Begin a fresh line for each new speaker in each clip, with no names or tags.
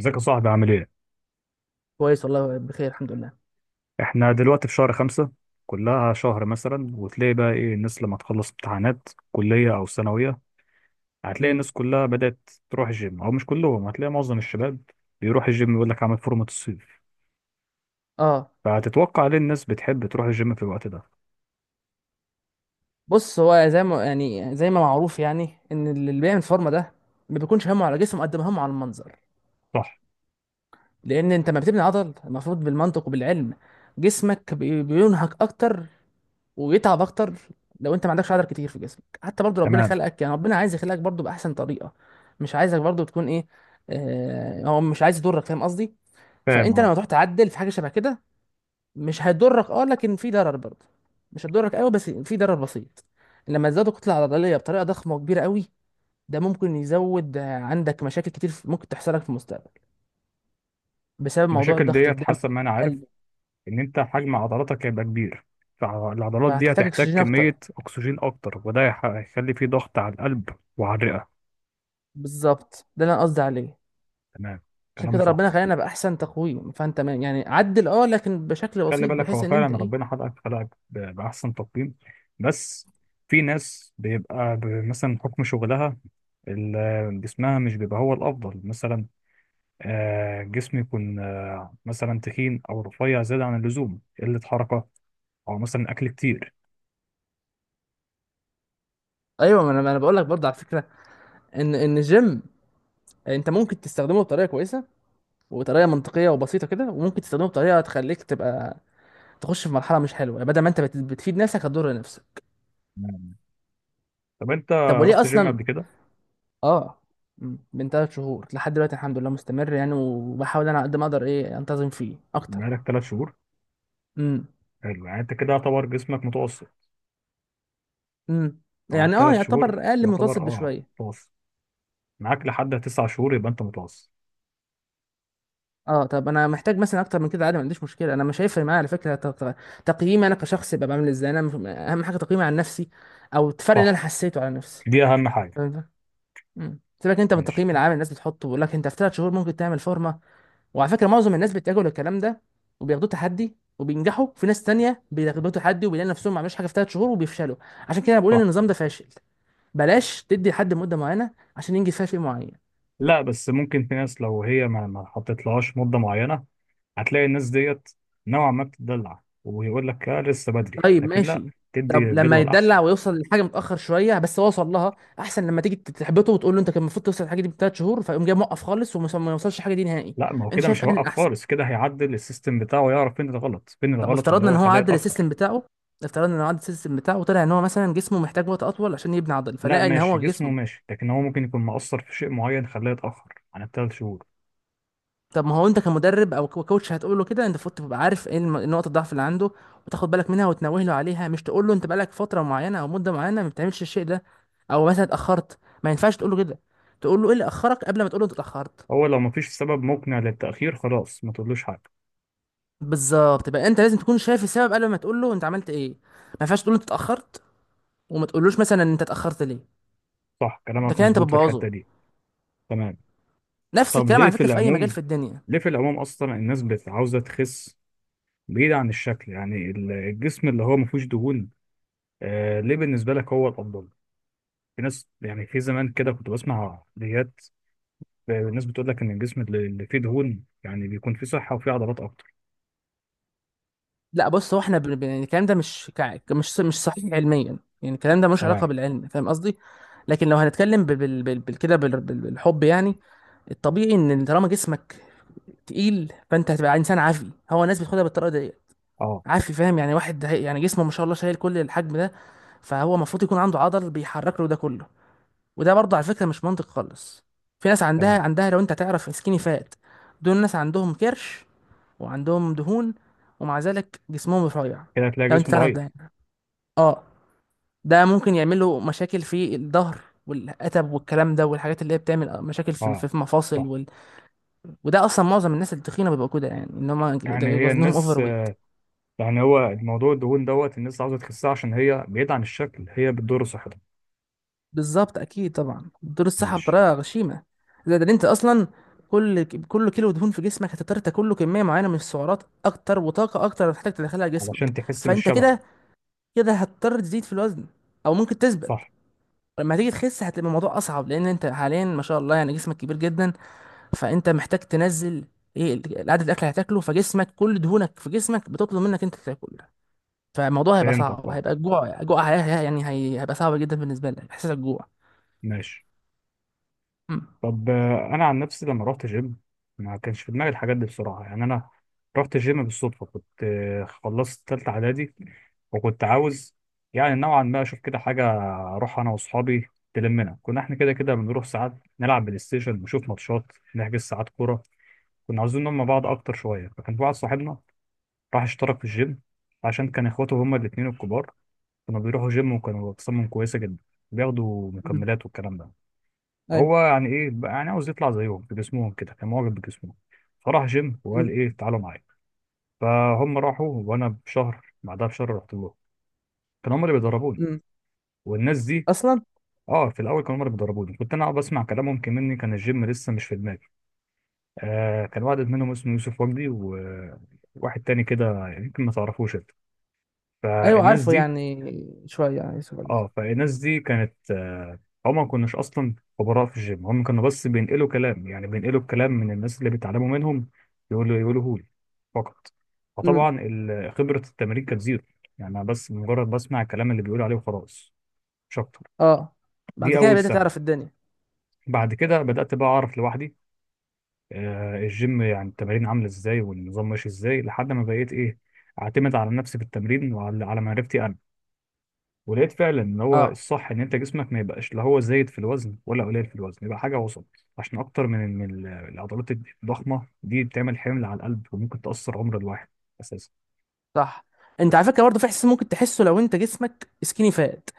ازيك يا صاحبي؟ عامل ايه؟
كويس والله، بخير الحمد لله.
احنا دلوقتي في شهر خمسة، كلها شهر مثلا، وتلاقي بقى ايه الناس لما تخلص امتحانات كلية أو ثانوية. هتلاقي
امم
الناس كلها بدأت تروح الجيم، أو مش كلهم، هتلاقي معظم الشباب بيروح الجيم، يقول لك عامل فورمة الصيف.
اه،
فهتتوقع ليه الناس بتحب تروح الجيم في الوقت ده؟
بص، هو زي ما معروف يعني ان اللي بيعمل فورمه ده ما بيكونش همه على جسمه قد ما همه على المنظر.
صح.
لان انت ما بتبني عضل، المفروض بالمنطق وبالعلم جسمك بينهك اكتر ويتعب اكتر. لو انت ما عندكش عضل كتير في جسمك، حتى برضو ربنا
تمام.
خلقك، يعني ربنا عايز يخلقك برضو باحسن طريقه. مش عايزك برضو تكون ايه، آه، هو مش عايز يضرك، فاهم قصدي؟
فاهم،
فانت
اه.
لما تروح تعدل في حاجه شبه كده، مش هيضرك اه، لكن في ضرر برضه. مش هتضرك قوي، بس في ضرر بسيط لما تزودوا الكتله العضليه بطريقه ضخمه وكبيره قوي. ده ممكن يزود عندك مشاكل كتير ممكن تحصل لك في المستقبل بسبب موضوع
المشاكل
ضغط
ديت
الدم
حسب ما أنا عارف
والقلب.
إن أنت حجم عضلاتك هيبقى كبير، فالعضلات دي
فهتحتاج
هتحتاج
اكسجين اكتر.
كمية أكسجين أكتر، وده هيخلي فيه ضغط على القلب وعلى الرئة.
بالظبط، ده اللي انا قصدي عليه.
تمام.
عشان
كلام
كده
صح.
ربنا خلينا باحسن تقويم، فانت عدل اه، لكن بشكل
خلي
بسيط،
بالك،
بحيث
هو
ان انت
فعلا
ايه.
ربنا خلقك، بأحسن تقييم. بس في ناس بيبقى مثلا حكم شغلها، جسمها مش بيبقى هو الأفضل مثلا. جسم يكون، مثلا تخين أو رفيع زيادة عن اللزوم، قلة حركة، أو مثلا أكل كتير.
ايوه، ما انا بقول لك برضه على فكره ان الجيم انت ممكن تستخدمه بطريقه كويسه وطريقه منطقيه وبسيطه كده، وممكن تستخدمه بطريقه تخليك تبقى تخش في مرحله مش حلوه، يعني بدل ما انت بتفيد نفسك هتضر نفسك.
نعم. طب أنت
طب وليه
رحت جيم
اصلا؟
قبل كده؟
اه، من 3 شهور لحد دلوقتي الحمد لله مستمر، يعني وبحاول انا على قد ما اقدر ايه انتظم فيه اكتر.
بقالك 3 شهور؟
امم
حلو، يعني أنت كده يعتبر جسمك متوسط،
امم
أو
يعني اه،
التلات شهور
يعتبر اقل متوسط
يعتبر أه
بشويه.
متوسط. معاك لحد 9 شهور يبقى أنت متوسط.
اه، طب انا محتاج مثلا اكتر من كده عادي، ما عنديش مشكله، انا مش هيفرق معايا على فكره تقييمي انا كشخص يبقى بعمل ازاي، انا اهم حاجه تقييمي عن نفسي، او الفرق اللي انا
صح.
حسيته على نفسي.
دي أهم حاجة.
فاهم ده؟ سيبك انت من
ماشي.
التقييم العام الناس بتحطه، بيقول لك انت في 3 شهور ممكن تعمل فورمه. وعلى فكره معظم الناس بيتجهوا للكلام ده، وبياخدوه تحدي وبينجحوا، في ناس تانية بياخدوه تحدي وبيلاقي نفسهم ما عملوش حاجه في 3 شهور وبيفشلوا. عشان كده أنا بقول ان
صح.
النظام ده فاشل. بلاش تدي لحد مده معينه عشان ينجز فيها شيء معين.
لا، بس ممكن في ناس لو هي ما حطيتلهاش مدة معينة، هتلاقي الناس ديت نوعا ما بتدلع، ويقول لك آه لسه بدري،
طيب
لكن لا.
ماشي. طب
تدي
لما
جدول أحسن.
يتدلع ويوصل لحاجه متاخر شويه، بس هو وصل لها، احسن لما تيجي تحبطه وتقول له انت كان المفروض توصل الحاجه دي ب 3 شهور، فيقوم جاي موقف خالص وما ما يوصلش الحاجه دي نهائي.
لا، ما هو
انت
كده
شايف
مش
ان
هيوقف
الاحسن،
خالص، كده هيعدل السيستم بتاعه، يعرف فين الغلط، فين
طب
الغلط اللي
افترضنا
هو
ان هو
خلاه
عدل
يتأخر.
السيستم بتاعه، افترضنا ان هو عدل السيستم بتاعه وطلع ان هو مثلا جسمه محتاج وقت اطول عشان يبني عضل،
لا،
فلقى ان
ماشي،
هو
جسمه
جسمه.
ماشي، لكن هو ممكن يكون مقصر في شيء معين خلاه يتأخر عن الثلاث شهور.
طب ما هو انت كمدرب او كوتش هتقول له كده، انت المفروض تبقى عارف ايه نقط الضعف اللي عنده، وتاخد بالك منها وتنوه له عليها، مش تقول له انت بقالك فتره معينه او مده معينه ما بتعملش الشيء ده، او مثلا اتاخرت. ما ينفعش تقول له كده، تقول له ايه اللي اخرك قبل ما تقول له انت اتاخرت.
هو لو مفيش سبب مقنع للتأخير خلاص ما تقولوش حاجة.
بالظبط، يبقى انت لازم تكون شايف السبب قبل ما تقول له انت عملت ايه. ما ينفعش تقول له انت اتاخرت وما تقولوش مثلا انت اتاخرت ليه.
صح،
ده
كلامك
كده انت
مظبوط في
بتبوظه.
الحتة دي. تمام.
نفس
طب
الكلام
ليه
على
في
فكره في اي مجال
العموم؟
في الدنيا.
ليه في العموم اصلا الناس عاوزه تخس؟ بعيد عن الشكل، يعني الجسم اللي هو ما فيهوش دهون. آه، ليه بالنسبه لك هو الافضل؟ في ناس يعني في زمان كده كنت بسمع فيديوهات، الناس بتقول لك ان الجسم اللي فيه دهون يعني بيكون فيه صحه وفيه عضلات اكتر.
لا بص، هو احنا يعني الكلام ده مش مش صحيح علميا، يعني الكلام ده ملوش علاقه
تمام.
بالعلم، فاهم قصدي؟ لكن لو هنتكلم بالحب يعني، الطبيعي ان طالما جسمك تقيل فانت هتبقى انسان عافي، هو الناس بتاخدها بالطريقه دي.
اه.
عافي، فاهم، يعني واحد يعني جسمه ما شاء الله شايل كل الحجم ده، فهو المفروض يكون عنده عضل بيحرك له ده كله. وده برضه على فكرة مش منطق خالص، في ناس عندها
تمام.
عندها لو انت تعرف، سكيني فات. دول ناس عندهم كرش وعندهم دهون ومع ذلك جسمهم رفيع.
كده هتلاقي
لو انت
جسم
تعرف ده
ضعيف.
يعني. اه، ده ممكن يعمل له مشاكل في الظهر والقتب والكلام ده، والحاجات اللي هي بتعمل مشاكل
اه.
في المفاصل
صح.
وال... وده اصلا معظم الناس التخينه بيبقوا كده، يعني ان هم
يعني هي
وزنهم
الناس،
اوفر.
يعني هو الموضوع الدهون دوت الناس عاوزه تخسها، عشان هي بعيد عن الشكل هي بتضر صحتها.
بالظبط، اكيد طبعا، بتدور الصحه
ماشي.
بطريقه غشيمه. زائد ان انت اصلا كل كيلو دهون في جسمك هتضطر تاكل له كميه معينه من السعرات اكتر وطاقه اكتر هتحتاج تدخلها
علشان
جسمك،
تحس
فانت
بالشبع.
كده كده هتضطر تزيد في الوزن او ممكن تثبت.
صح.
لما تيجي تخس هتبقى الموضوع اصعب، لان انت حاليا ما شاء الله يعني جسمك كبير جدا، فانت محتاج تنزل ايه عدد الاكل اللي هتاكله، فجسمك كل دهونك في جسمك بتطلب منك انت تاكل. فالموضوع هيبقى
فهمتك،
صعب،
اه.
هيبقى الجوع جوع، هيبقى صعب جدا بالنسبه لك احساس الجوع.
ماشي.
مم.
طب، انا عن نفسي لما رحت جيم ما كانش في دماغي الحاجات دي بسرعه، يعني انا رحت جيم بالصدفه. كنت، خلصت تالتة اعدادي، وكنت عاوز يعني نوعا ما اشوف كده حاجه، اروح انا واصحابي، تلمنا. كنا احنا كده كده بنروح ساعات، نلعب بلاي ستيشن، نشوف ماتشات، نحجز ساعات كوره. كنا عاوزين نلم بعض اكتر شويه، فكان في واحد صاحبنا راح اشترك في الجيم، عشان كان اخواته هما الاتنين الكبار كانوا بيروحوا جيم، وكانوا اجسامهم كويسه جدا، بياخدوا مكملات والكلام ده.
مم.
هو يعني ايه بقى، يعني عاوز يطلع زيهم بجسمهم، كده كان معجب بجسمهم. فراح جيم وقال،
امم
ايه تعالوا معايا. فهم راحوا وانا بشهر بعدها بشهر رحت لهم. كانوا هم اللي بيدربوني
امم
والناس دي.
اصلا.
اه، في الاول كانوا هم اللي بيدربوني، كنت انا أقعد بسمع كلامهم كمني، كان الجيم لسه مش في دماغي. آه، كان واحد منهم اسمه يوسف وجدي، وواحد تاني كده يمكن ما تعرفوش انت.
ايوه
فالناس
عارفه
دي،
يعني شويه، يعني يوسف علي.
اه، فالناس دي كانت، هم ما كناش اصلا خبراء في الجيم، هم كانوا بس بينقلوا كلام، يعني بينقلوا الكلام من الناس اللي بيتعلموا منهم، يقولوه لي فقط.
امم
فطبعا خبرة التمرين كانت زيرو. يعني أنا بس مجرد بسمع الكلام اللي بيقولوا عليه وخلاص، مش اكتر.
اه، بعد
دي
كده
اول
بدأت
سنة.
تعرف الدنيا.
بعد كده بدأت بقى اعرف لوحدي، الجيم يعني التمارين عاملة ازاي، والنظام ماشي ازاي، لحد ما بقيت ايه، اعتمد على نفسي في التمرين، وعلى معرفتي. ولقيت فعلا ان هو
اه،
الصح ان انت جسمك ما يبقاش لا هو زايد في الوزن ولا قليل في الوزن، يبقى حاجه وسط، عشان اكتر من إن العضلات الضخمه دي بتعمل حمل على القلب، وممكن تاثر عمر الواحد اساسا.
صح. انت على
بس.
فكره برضه في احساس ممكن تحسه، لو انت جسمك سكيني فات،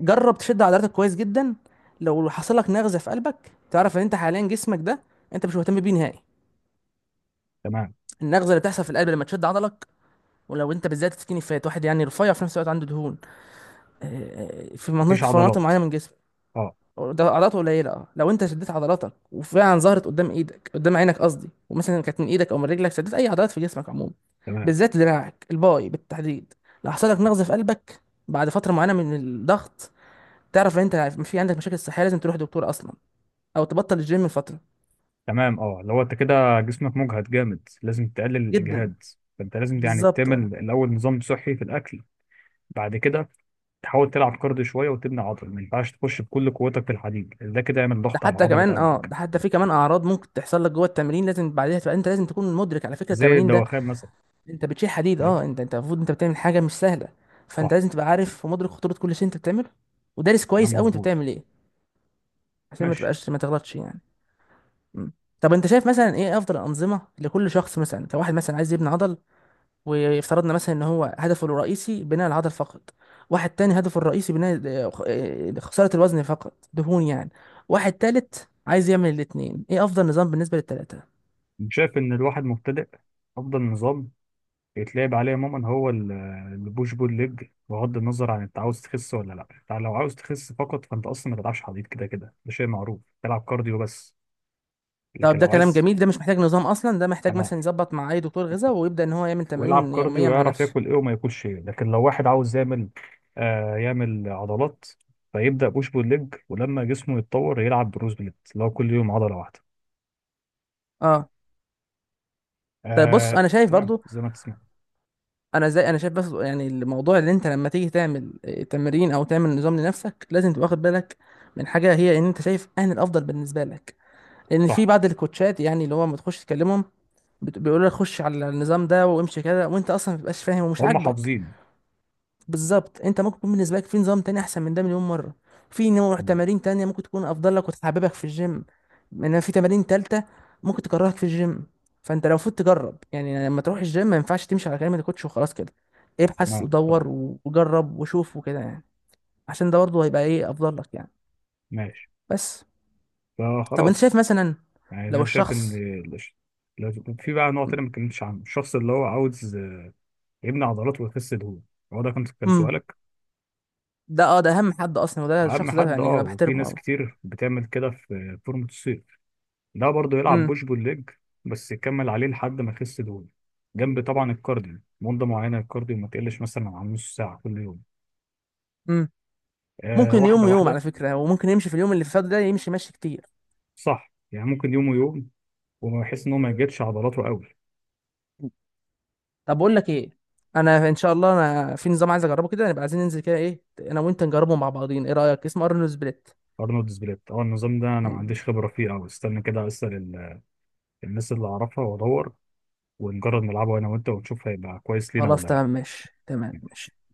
جرب تشد عضلاتك كويس جدا، لو حصل لك نغزه في قلبك، تعرف ان انت حاليا جسمك ده انت مش مهتم بيه نهائي.
تمام.
النغزه اللي بتحصل في القلب لما تشد عضلك، ولو انت بالذات سكيني فات، واحد يعني رفيع في نفس الوقت عنده دهون في مناطق،
مفيش
في مناطق
عضلات.
معينه من جسمك،
اه.
ده عضلاته قليله. اه، لو انت شديت عضلاتك وفعلا ظهرت قدام ايدك، قدام عينك قصدي، ومثلا كانت من ايدك او من رجلك، شديت اي عضلات في جسمك عموما،
تمام.
بالذات دراعك الباي بالتحديد، لو حصل لك نقص في قلبك بعد فتره معينه من الضغط، تعرف ان انت في عندك مشاكل صحيه، لازم تروح دكتور اصلا، او تبطل الجيم لفتره.
تمام، اه، لو انت كده جسمك مجهد جامد لازم تقلل
جدا
الاجهاد. فانت لازم يعني
بالظبط.
تعمل
اه
الاول نظام صحي في الاكل، بعد كده تحاول تلعب كارديو شويه وتبني عضل. ما ينفعش تخش بكل قوتك في الحديد، ده كده يعمل
ده
ضغط على
حتى
عضله
كمان، اه
قلبك.
ده حتى في كمان اعراض ممكن تحصل لك جوه التمرين، لازم بعدها تبقى انت لازم تكون مدرك على فكره
زي
التمرين ده،
الدوخان مثلا.
انت بتشيل حديد
عارف؟
اه، انت المفروض انت بتعمل حاجه مش سهله،
صح.
فانت لازم تبقى عارف في مدرك خطوره كل شيء انت بتعمله ودارس
لا،
كويس قوي انت
مظبوط.
بتعمل ايه، عشان ما
ماشي.
تبقاش ما تغلطش يعني. مم. طب انت شايف مثلا ايه افضل الانظمه لكل شخص، مثلا كواحد مثلا عايز يبني عضل، وافترضنا مثلا ان هو هدفه الرئيسي بناء العضل فقط، واحد تاني هدفه الرئيسي بناء خساره الوزن فقط، دهون يعني، واحد تالت عايز يعمل الاتنين، ايه افضل نظام بالنسبه للتلاته؟
شايف ان الواحد مبتدئ افضل نظام يتلعب عليه عموما هو البوش بول ليج، بغض النظر عن انت عاوز تخس ولا لا. انت لو عاوز تخس فقط فانت اصلا ما تلعبش حديد، كده كده ده شيء معروف، تلعب كارديو بس. لكن
طب ده
لو
كلام
عايز.
جميل، ده مش محتاج نظام اصلا، ده محتاج
تمام.
مثلا يظبط مع اي دكتور غذاء ويبدا ان هو يعمل
ويلعب
تمارين
كارديو،
يوميه مع
ويعرف
نفسه.
ياكل ايه وما ياكلش ايه. لكن لو واحد عاوز يعمل، يعمل عضلات، فيبدا بوش بول ليج، ولما جسمه يتطور يلعب بروز بليت اللي هو كل يوم عضله واحده.
اه طيب، بص
آه،
انا شايف
تمام
برضو،
زي ما انت سمعت.
انا شايف بس يعني الموضوع، اللي انت لما تيجي تعمل تمرين او تعمل نظام لنفسك، لازم تبقى واخد بالك من حاجه هي ان انت شايف اهل الافضل بالنسبه لك، لان في
صح.
بعض الكوتشات يعني اللي هو ما تخش تكلمهم، بيقولوا لك خش على النظام ده وامشي كده، وانت اصلا ما بتبقاش فاهم ومش
هم
عاجبك.
حافظين.
بالظبط، انت ممكن يكون بالنسبه لك في نظام تاني احسن من ده مليون مره، في نوع تمارين تانية ممكن تكون افضل لك وتحببك في الجيم، انما في تمارين تالتة ممكن تكرهك في الجيم. فانت لو المفروض تجرب، يعني لما تروح الجيم ما ينفعش تمشي على كلمه الكوتش وخلاص كده، ابحث
تمام. صح.
ودور وجرب وشوف وكده يعني، عشان ده برضه هيبقى ايه افضل لك يعني.
ماشي.
بس. طب انت شايف
فخلاص.
مثلا
يعني
لو
انا شايف ان،
الشخص.
الش- في بقى نوع تاني ما اتكلمتش عنه، الشخص اللي هو عاوز يبني عضلات ويخس دهون. هو ده كان
امم
سؤالك؟
ده اه، ده اهم حد اصلا، وده
اهم
الشخص ده
حد،
يعني
اه.
انا
وفي
بحترمه
ناس
قوي.
كتير بتعمل كده في فورمة الصيف. ده برضه يلعب
امم
بوش بول ليج، بس يكمل عليه لحد ما يخس دهون، جنب طبعا الكارديو مدة معينة. الكارديو ما تقلش مثلا عن نص ساعة كل يوم.
امم
آه،
ممكن يوم
واحدة
ويوم
واحدة.
على فكره، وممكن يمشي في اليوم اللي فات ده، يمشي ماشي كتير.
صح، يعني ممكن يوم ويوم، وما يحس ان هو ما يجدش عضلاته قوي.
طب بقول لك ايه، انا ان شاء الله انا في نظام عايز اجربه كده، نبقى عايزين ننزل كده ايه، انا وانت نجربه مع بعضين، ايه رايك، اسمه ارنولد سبليت.
ارنولد سبليت؟ اه، النظام ده انا ما
مم.
عنديش خبره فيه قوي، استنى كده اسال الناس اللي اعرفها، وادور، ونجرب نلعبه انا وانت ونشوف هيبقى كويس لينا
خلاص
ولا
تمام
لا
ماشي، تمام ماشي.